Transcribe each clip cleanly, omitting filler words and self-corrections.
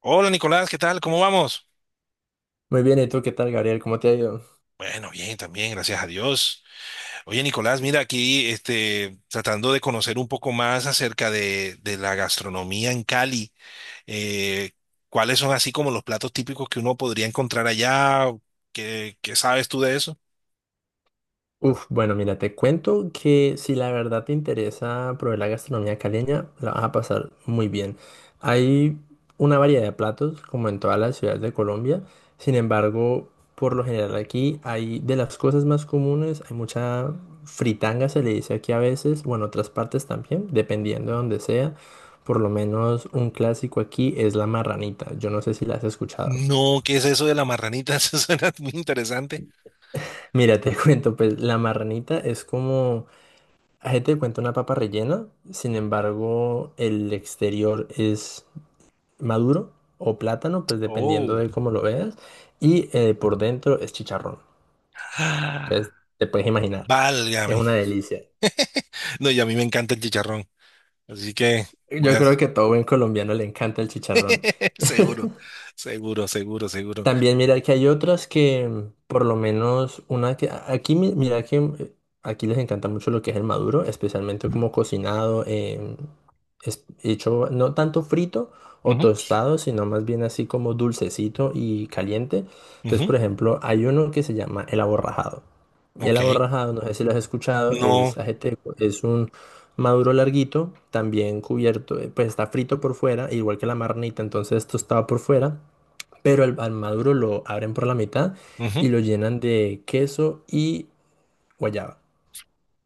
Hola Nicolás, ¿qué tal? ¿Cómo vamos? Muy bien, ¿y tú qué tal, Gabriel? ¿Cómo te ha ido? Bueno, bien, también, gracias a Dios. Oye Nicolás, mira aquí, tratando de conocer un poco más acerca de la gastronomía en Cali. Eh, ¿Cuáles son así como los platos típicos que uno podría encontrar allá? ¿Qué sabes tú de eso? Uf, bueno, mira, te cuento que si la verdad te interesa probar la gastronomía caleña, la vas a pasar muy bien. Hay una variedad de platos, como en todas las ciudades de Colombia. Sin embargo, por lo general aquí hay de las cosas más comunes, hay mucha fritanga, se le dice aquí a veces, bueno, otras partes también, dependiendo de donde sea. Por lo menos un clásico aquí es la marranita. Yo no sé si la has escuchado. No, ¿qué es eso de la marranita? Eso suena muy interesante. Mira, te cuento, pues la marranita es como Gente te cuenta una papa rellena, sin embargo, el exterior es maduro o plátano, pues dependiendo Oh. de cómo lo veas, y por dentro es chicharrón. Ah, Entonces, te puedes imaginar, es válgame. una delicia. No, y a mí me encanta el chicharrón, así que voy Yo a... creo que a todo buen colombiano le encanta el chicharrón. seguro, seguro, seguro, seguro. También mira que hay otras que, por lo menos una que aquí mira que aquí les encanta mucho lo que es el maduro, especialmente como cocinado, hecho no tanto frito o tostado, sino más bien así como dulcecito y caliente. Entonces, Ujú, por ejemplo, hay uno que se llama el aborrajado. Y el ok, aborrajado, no sé si lo has escuchado, no. es ajeteco, es un maduro larguito, también cubierto, pues está frito por fuera, igual que la marnita, entonces tostado por fuera pero al maduro lo abren por la mitad Ujú. y lo llenan de queso y guayaba.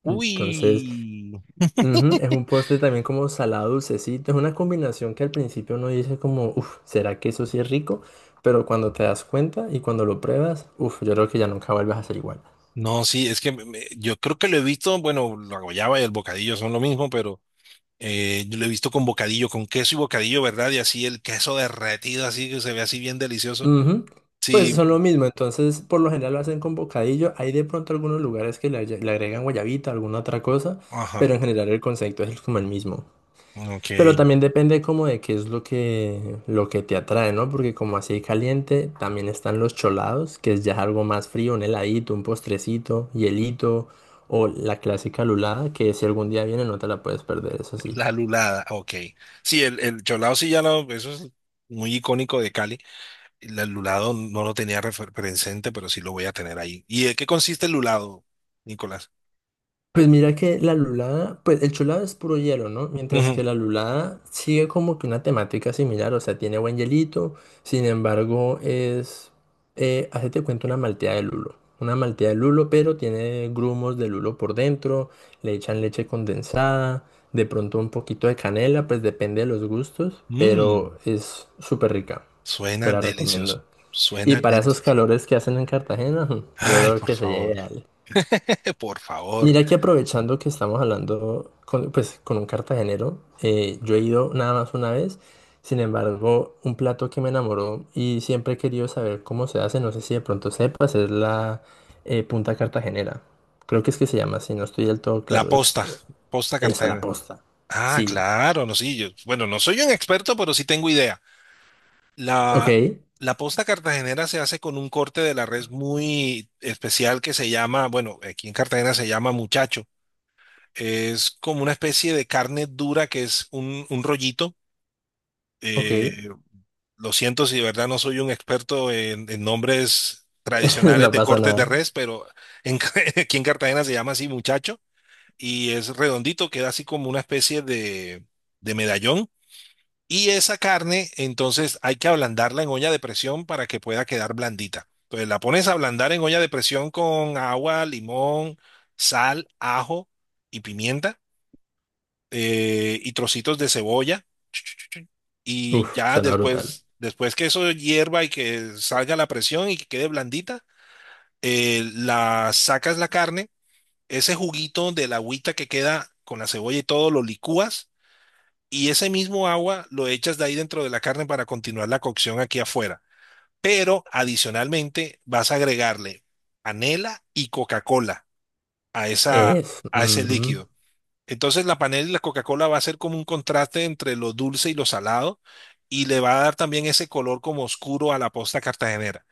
Entonces, Uy, ujú, es un postre también como salado dulcecito. Es una combinación que al principio uno dice como, uff, ¿será que eso sí es rico? Pero cuando te das cuenta y cuando lo pruebas, uff, yo creo que ya nunca vuelves a ser igual. no, sí, es que yo creo que lo he visto, bueno, la guayaba y el bocadillo son lo mismo, pero yo lo he visto con bocadillo, con queso y bocadillo, ¿verdad? Y así el queso derretido, así que se ve así bien delicioso. Ujú. Pues Sí, son lo mismo, entonces por lo general lo hacen con bocadillo. Hay de pronto algunos lugares que le agregan guayabita, alguna otra cosa, ajá, pero en general el concepto es como el mismo. ok. Pero también depende como de qué es lo que, te atrae, ¿no? Porque como así caliente, también están los cholados, que es ya algo más frío, un heladito, un postrecito, hielito, o la clásica lulada, que si algún día viene no te la puedes perder, eso sí. La lulada, ok. Sí, el cholao sí ya lo, eso es muy icónico de Cali. El lulado no lo tenía presente, pero sí lo voy a tener ahí. ¿Y de qué consiste el lulado, Nicolás? Pues mira que la lulada, pues el chulado es puro hielo, ¿no? Mientras Ujú. que la lulada sigue como que una temática similar, o sea, tiene buen hielito, sin embargo es, hacete cuenta una malteada de lulo, pero tiene grumos de lulo por dentro, le echan leche condensada, de pronto un poquito de canela, pues depende de los gustos, pero Mm. es súper rica, te Suena la delicioso. recomiendo. Y Suena para esos delicioso. calores que hacen en Cartagena, yo Ay, creo por que sería favor. ideal. Por favor. Mira que aprovechando que estamos hablando con, pues, con un cartagenero, yo he ido nada más una vez, sin embargo, un plato que me enamoró y siempre he querido saber cómo se hace, no sé si de pronto sepas, es la punta cartagenera. Creo que es que se llama así, no estoy del todo La claro, es posta. Posta eso, la Cartagena. posta. Ah, Sí, claro, no, sí, yo, bueno, no soy un experto, pero sí tengo idea. ok, La, la posta cartagenera se hace con un corte de la res muy especial que se llama, bueno, aquí en Cartagena se llama muchacho. Es como una especie de carne dura que es un rollito. ok, Eh, Lo siento si de verdad no soy un experto en nombres no tradicionales de pasa cortes de nada. res, pero en aquí en Cartagena se llama así muchacho y es redondito, queda así como una especie de medallón. Y esa carne, entonces hay que ablandarla en olla de presión para que pueda quedar blandita. Entonces la pones a ablandar en olla de presión con agua, limón, sal, ajo y pimienta y trocitos de cebolla y Uf, ya suena brutal. después, después que eso hierva y que salga la presión y que quede blandita, la sacas la carne, ese juguito de la agüita que queda con la cebolla y todo lo licúas y ese mismo agua lo echas de ahí dentro de la carne para continuar la cocción aquí afuera. Pero adicionalmente vas a agregarle panela y Coca-Cola a esa, Es, a ese ujú. líquido. Entonces la panela y la Coca-Cola va a ser como un contraste entre lo dulce y lo salado y le va a dar también ese color como oscuro a la posta cartagenera.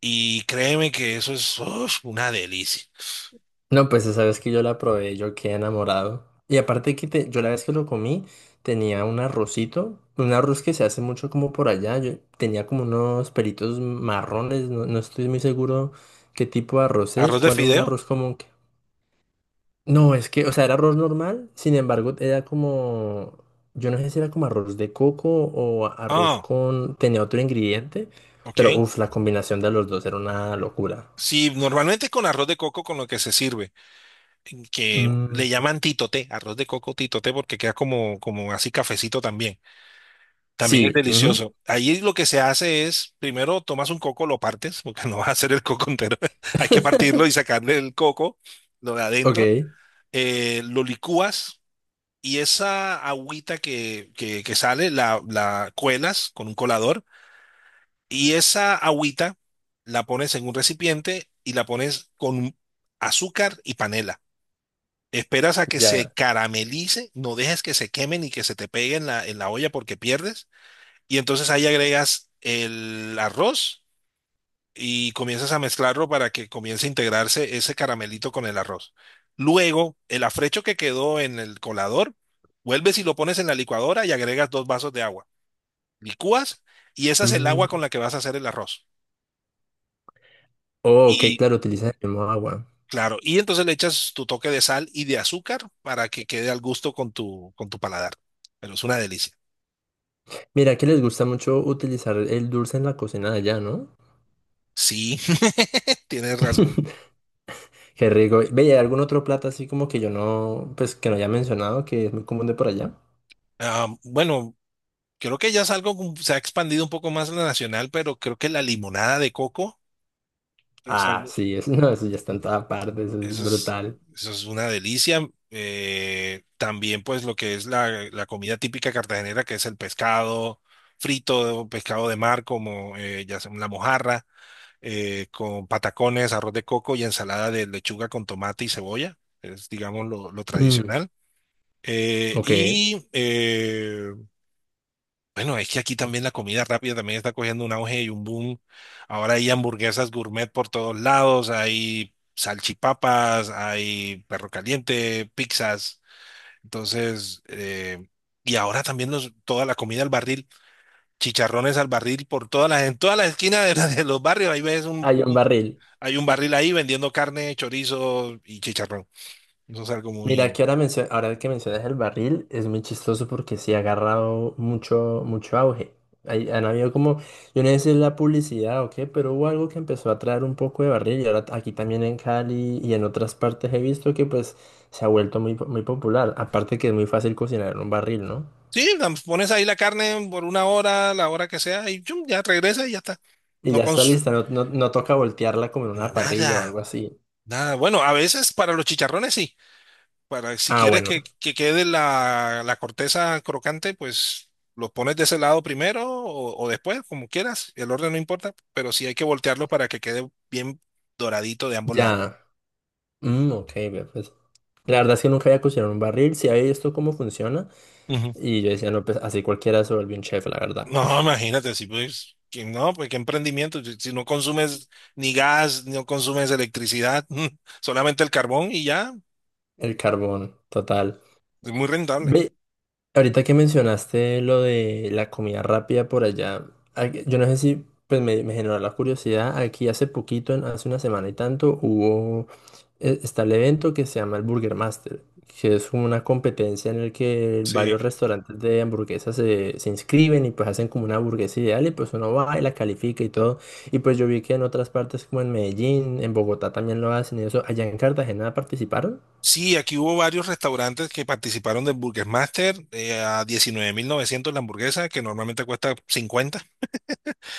Y créeme que eso es uf, una delicia. No, pues esa vez que yo la probé, yo quedé enamorado. Y aparte que yo la vez que lo comí, tenía un arrocito, un arroz que se hace mucho como por allá. Yo tenía como unos pelitos marrones, no estoy muy seguro qué tipo de arroz es, Arroz de cuál es un fideo. arroz común. No, es que, o sea, era arroz normal, sin embargo, era como, yo no sé si era como arroz de coco o arroz Ah, con, tenía otro ingrediente, ok. pero uff, la combinación de los dos era una locura. Sí, normalmente con arroz de coco con lo que se sirve, que Mm, le llaman titoté, arroz de coco titoté porque queda como, como así cafecito también. También es sí, ujú. delicioso. Ahí lo que se hace es, primero tomas un coco, lo partes, porque no vas a hacer el coco entero. Hay que partirlo y sacarle el coco, lo de adentro. Ok. Lo licúas y esa agüita que sale la cuelas con un colador y esa agüita la pones en un recipiente y la pones con azúcar y panela. Esperas a que se Ya. caramelice, no dejes que se queme ni que se te pegue en la olla porque pierdes, y entonces ahí agregas el arroz y comienzas a mezclarlo para que comience a integrarse ese caramelito con el arroz. Luego, el afrecho que quedó en el colador, vuelves y lo pones en la licuadora y agregas dos vasos de agua. Licúas y esa es el agua Mm. con la que vas a hacer el arroz. Oh, ok, Y claro, utilizan el mismo agua. claro, y entonces le echas tu toque de sal y de azúcar para que quede al gusto con tu paladar. Pero es una delicia. Mira, que les gusta mucho utilizar el dulce en la cocina de allá, ¿no? Sí, tienes razón. Qué rico. Ve, ¿y hay algún otro plato así como que yo no, pues que no haya mencionado, que es muy común de por allá? Ah, bueno, creo que ya es algo, se ha expandido un poco más lo nacional, pero creo que la limonada de coco es Ah, algo, sí, eso, no, eso ya está en toda parte, eso es eso es, brutal. eso es una delicia. También pues lo que es la comida típica cartagenera, que es el pescado frito, pescado de mar, como ya sea la mojarra, con patacones, arroz de coco y ensalada de lechuga con tomate y cebolla. Es, digamos, lo Mm, tradicional. Ok. Y bueno, es que aquí también la comida rápida también está cogiendo un auge y un boom. Ahora hay hamburguesas gourmet por todos lados, hay salchipapas, hay perro caliente, pizzas. Entonces, y ahora también los, toda la comida al barril, chicharrones al barril por todas las, en todas las esquinas de, de los barrios. Ahí ves un, Hay un un- barril. Hay un barril ahí vendiendo carne, chorizo y chicharrón. Eso es algo Mira, muy... que ahora, ahora que mencionas el barril, es muy chistoso porque sí ha agarrado mucho, mucho auge. Han habido como, yo no sé si es la publicidad o qué, pero hubo algo que empezó a traer un poco de barril y ahora aquí también en Cali y en otras partes he visto que pues se ha vuelto muy, muy popular. Aparte que es muy fácil cocinar en un barril, ¿no? Sí, pones ahí la carne por 1 hora, la hora que sea, y chum, ya regresa y ya está. Y No, ya está lista, no, no, no toca voltearla como en una parrilla o algo nada, así. nada. Bueno, a veces para los chicharrones sí. Para si Ah, quieres que, bueno, que quede la corteza crocante, pues los pones de ese lado primero o después, como quieras. El orden no importa, pero sí hay que voltearlo para que quede bien doradito de ambos lados. ya. Mm, ok, ve, pues. La verdad es que nunca había cocinado en un barril, sí había visto cómo funciona. Ujú. Y yo decía, no, pues así cualquiera se vuelve un chef, la verdad. No, imagínate, si pues, que no, pues qué emprendimiento. Si no consumes ni gas, no consumes electricidad, solamente el carbón y ya, El carbón, total. es muy rentable. Ve, ahorita que mencionaste lo de la comida rápida por allá, yo no sé si pues me generó la curiosidad. Aquí hace poquito, hace una semana y tanto, hubo, está el evento que se llama el Burger Master, que es como una competencia en el que varios Sí. restaurantes de hamburguesas se inscriben y pues hacen como una hamburguesa ideal y pues uno va y la califica y todo. Y pues yo vi que en otras partes como en Medellín, en Bogotá también lo hacen y eso. ¿Allá en Cartagena participaron? Sí, aquí hubo varios restaurantes que participaron del Burger Master, a 19.900 la hamburguesa, que normalmente cuesta 50.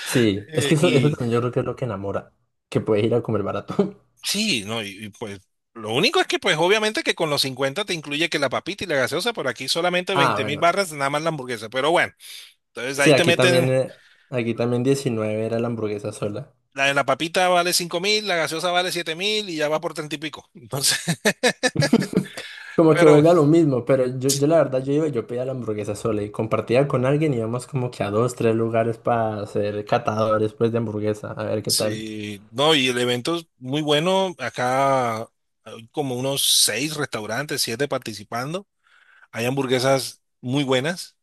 Sí, es que eso Y también yo creo que es lo que enamora, que puedes ir a comer barato. sí, no, lo único es que pues obviamente que con los 50 te incluye que la papita y la gaseosa, por aquí solamente Ah, 20.000 bueno. barras nada más la hamburguesa. Pero bueno, entonces Sí, ahí te meten, aquí también 19 era la hamburguesa sola. la papita vale 5.000, la gaseosa vale 7.000 y ya va por 30 y pico. Entonces, Como que pero vuelve a lo mismo, pero yo, la verdad yo iba y yo pedía la hamburguesa sola y compartía con alguien, íbamos como que a dos, tres lugares para ser catadores pues de hamburguesa, a ver qué tal. sí, no, y el evento es muy bueno. Acá hay como unos seis restaurantes, siete participando. Hay hamburguesas muy buenas.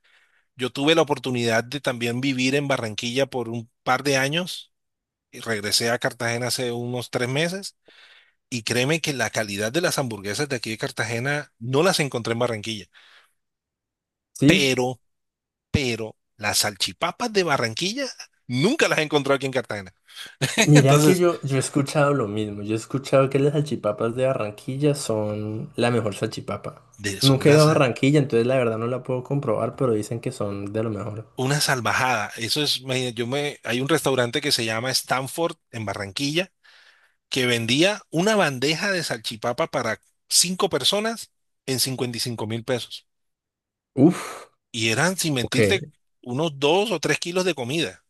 Yo tuve la oportunidad de también vivir en Barranquilla por un par de años y regresé a Cartagena hace unos 3 meses. Y créeme que la calidad de las hamburguesas de aquí de Cartagena no las encontré en Barranquilla, Sí, pero, pero las salchipapas de Barranquilla nunca las he encontrado aquí en Cartagena. mira que Entonces, yo, he escuchado lo mismo. Yo he escuchado que las salchipapas de Barranquilla son la mejor salchipapa. Son Nunca he ido a unas... Barranquilla, entonces la verdad no la puedo comprobar, pero dicen que son de lo mejor. Una salvajada. Eso es, me- yo me, hay un restaurante que se llama Stanford en Barranquilla que vendía una bandeja de salchipapa para cinco personas en 55.000 pesos. Uf, Y eran, sin ok. mentirte, unos 2 o 3 kilos de comida.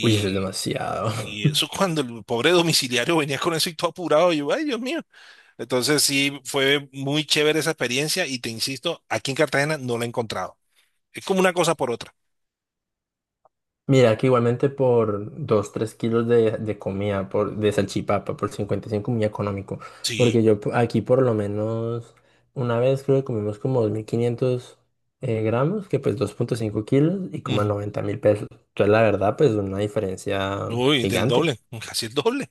Uy, eso es demasiado. y eso cuando el pobre domiciliario venía con eso y todo apurado, yo, ay, Dios mío. Entonces sí, fue muy chévere esa experiencia y te insisto, aquí en Cartagena no la he encontrado. Es como una cosa por otra. Mira, que igualmente por dos tres kilos de comida, por, de salchipapa, por 55 muy económico. Sí. Porque yo aquí por lo menos una vez creo que comimos como 2.500 gramos, que pues 2,5 kilos y como Ujú. 90.000 pesos. Entonces la verdad pues una diferencia Uy, del gigante. doble, casi el doble.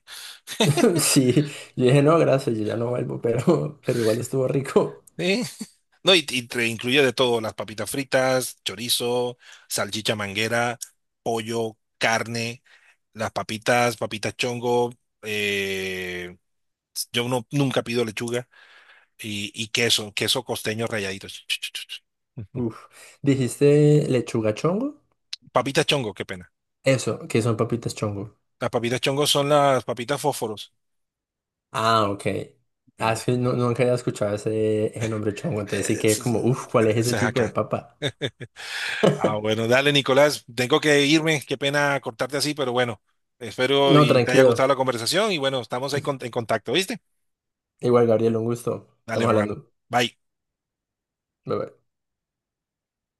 Sí, yo dije no, gracias, yo ya no vuelvo, pero igual estuvo rico. Sí. No, y te incluye de todo, las papitas fritas, chorizo, salchicha manguera, pollo, carne, las papitas, papitas chongo, eh, yo no, nunca pido lechuga y queso, queso costeño ralladito. Ch, ch, ch, ch. Ujú. Uf. ¿Dijiste lechuga chongo? Papitas chongo, qué pena. Eso, que son papitas chongo. Las papitas chongo son las papitas fósforos. Ah, ok. Ah, Mm. es que no, nunca había escuchado ese nombre chongo, entonces sí Eh, que Ese como, ese- uff, ¿cuál es ese ese es tipo de acá. papa? Ah, bueno, dale, Nicolás. Tengo que irme. Qué pena cortarte así, pero bueno, espero No, y te haya gustado tranquilo. la conversación y bueno, estamos ahí en contacto, ¿viste? Igual, Gabriel, un gusto. Dale, Estamos hermano. hablando. Bye. Bye, bye.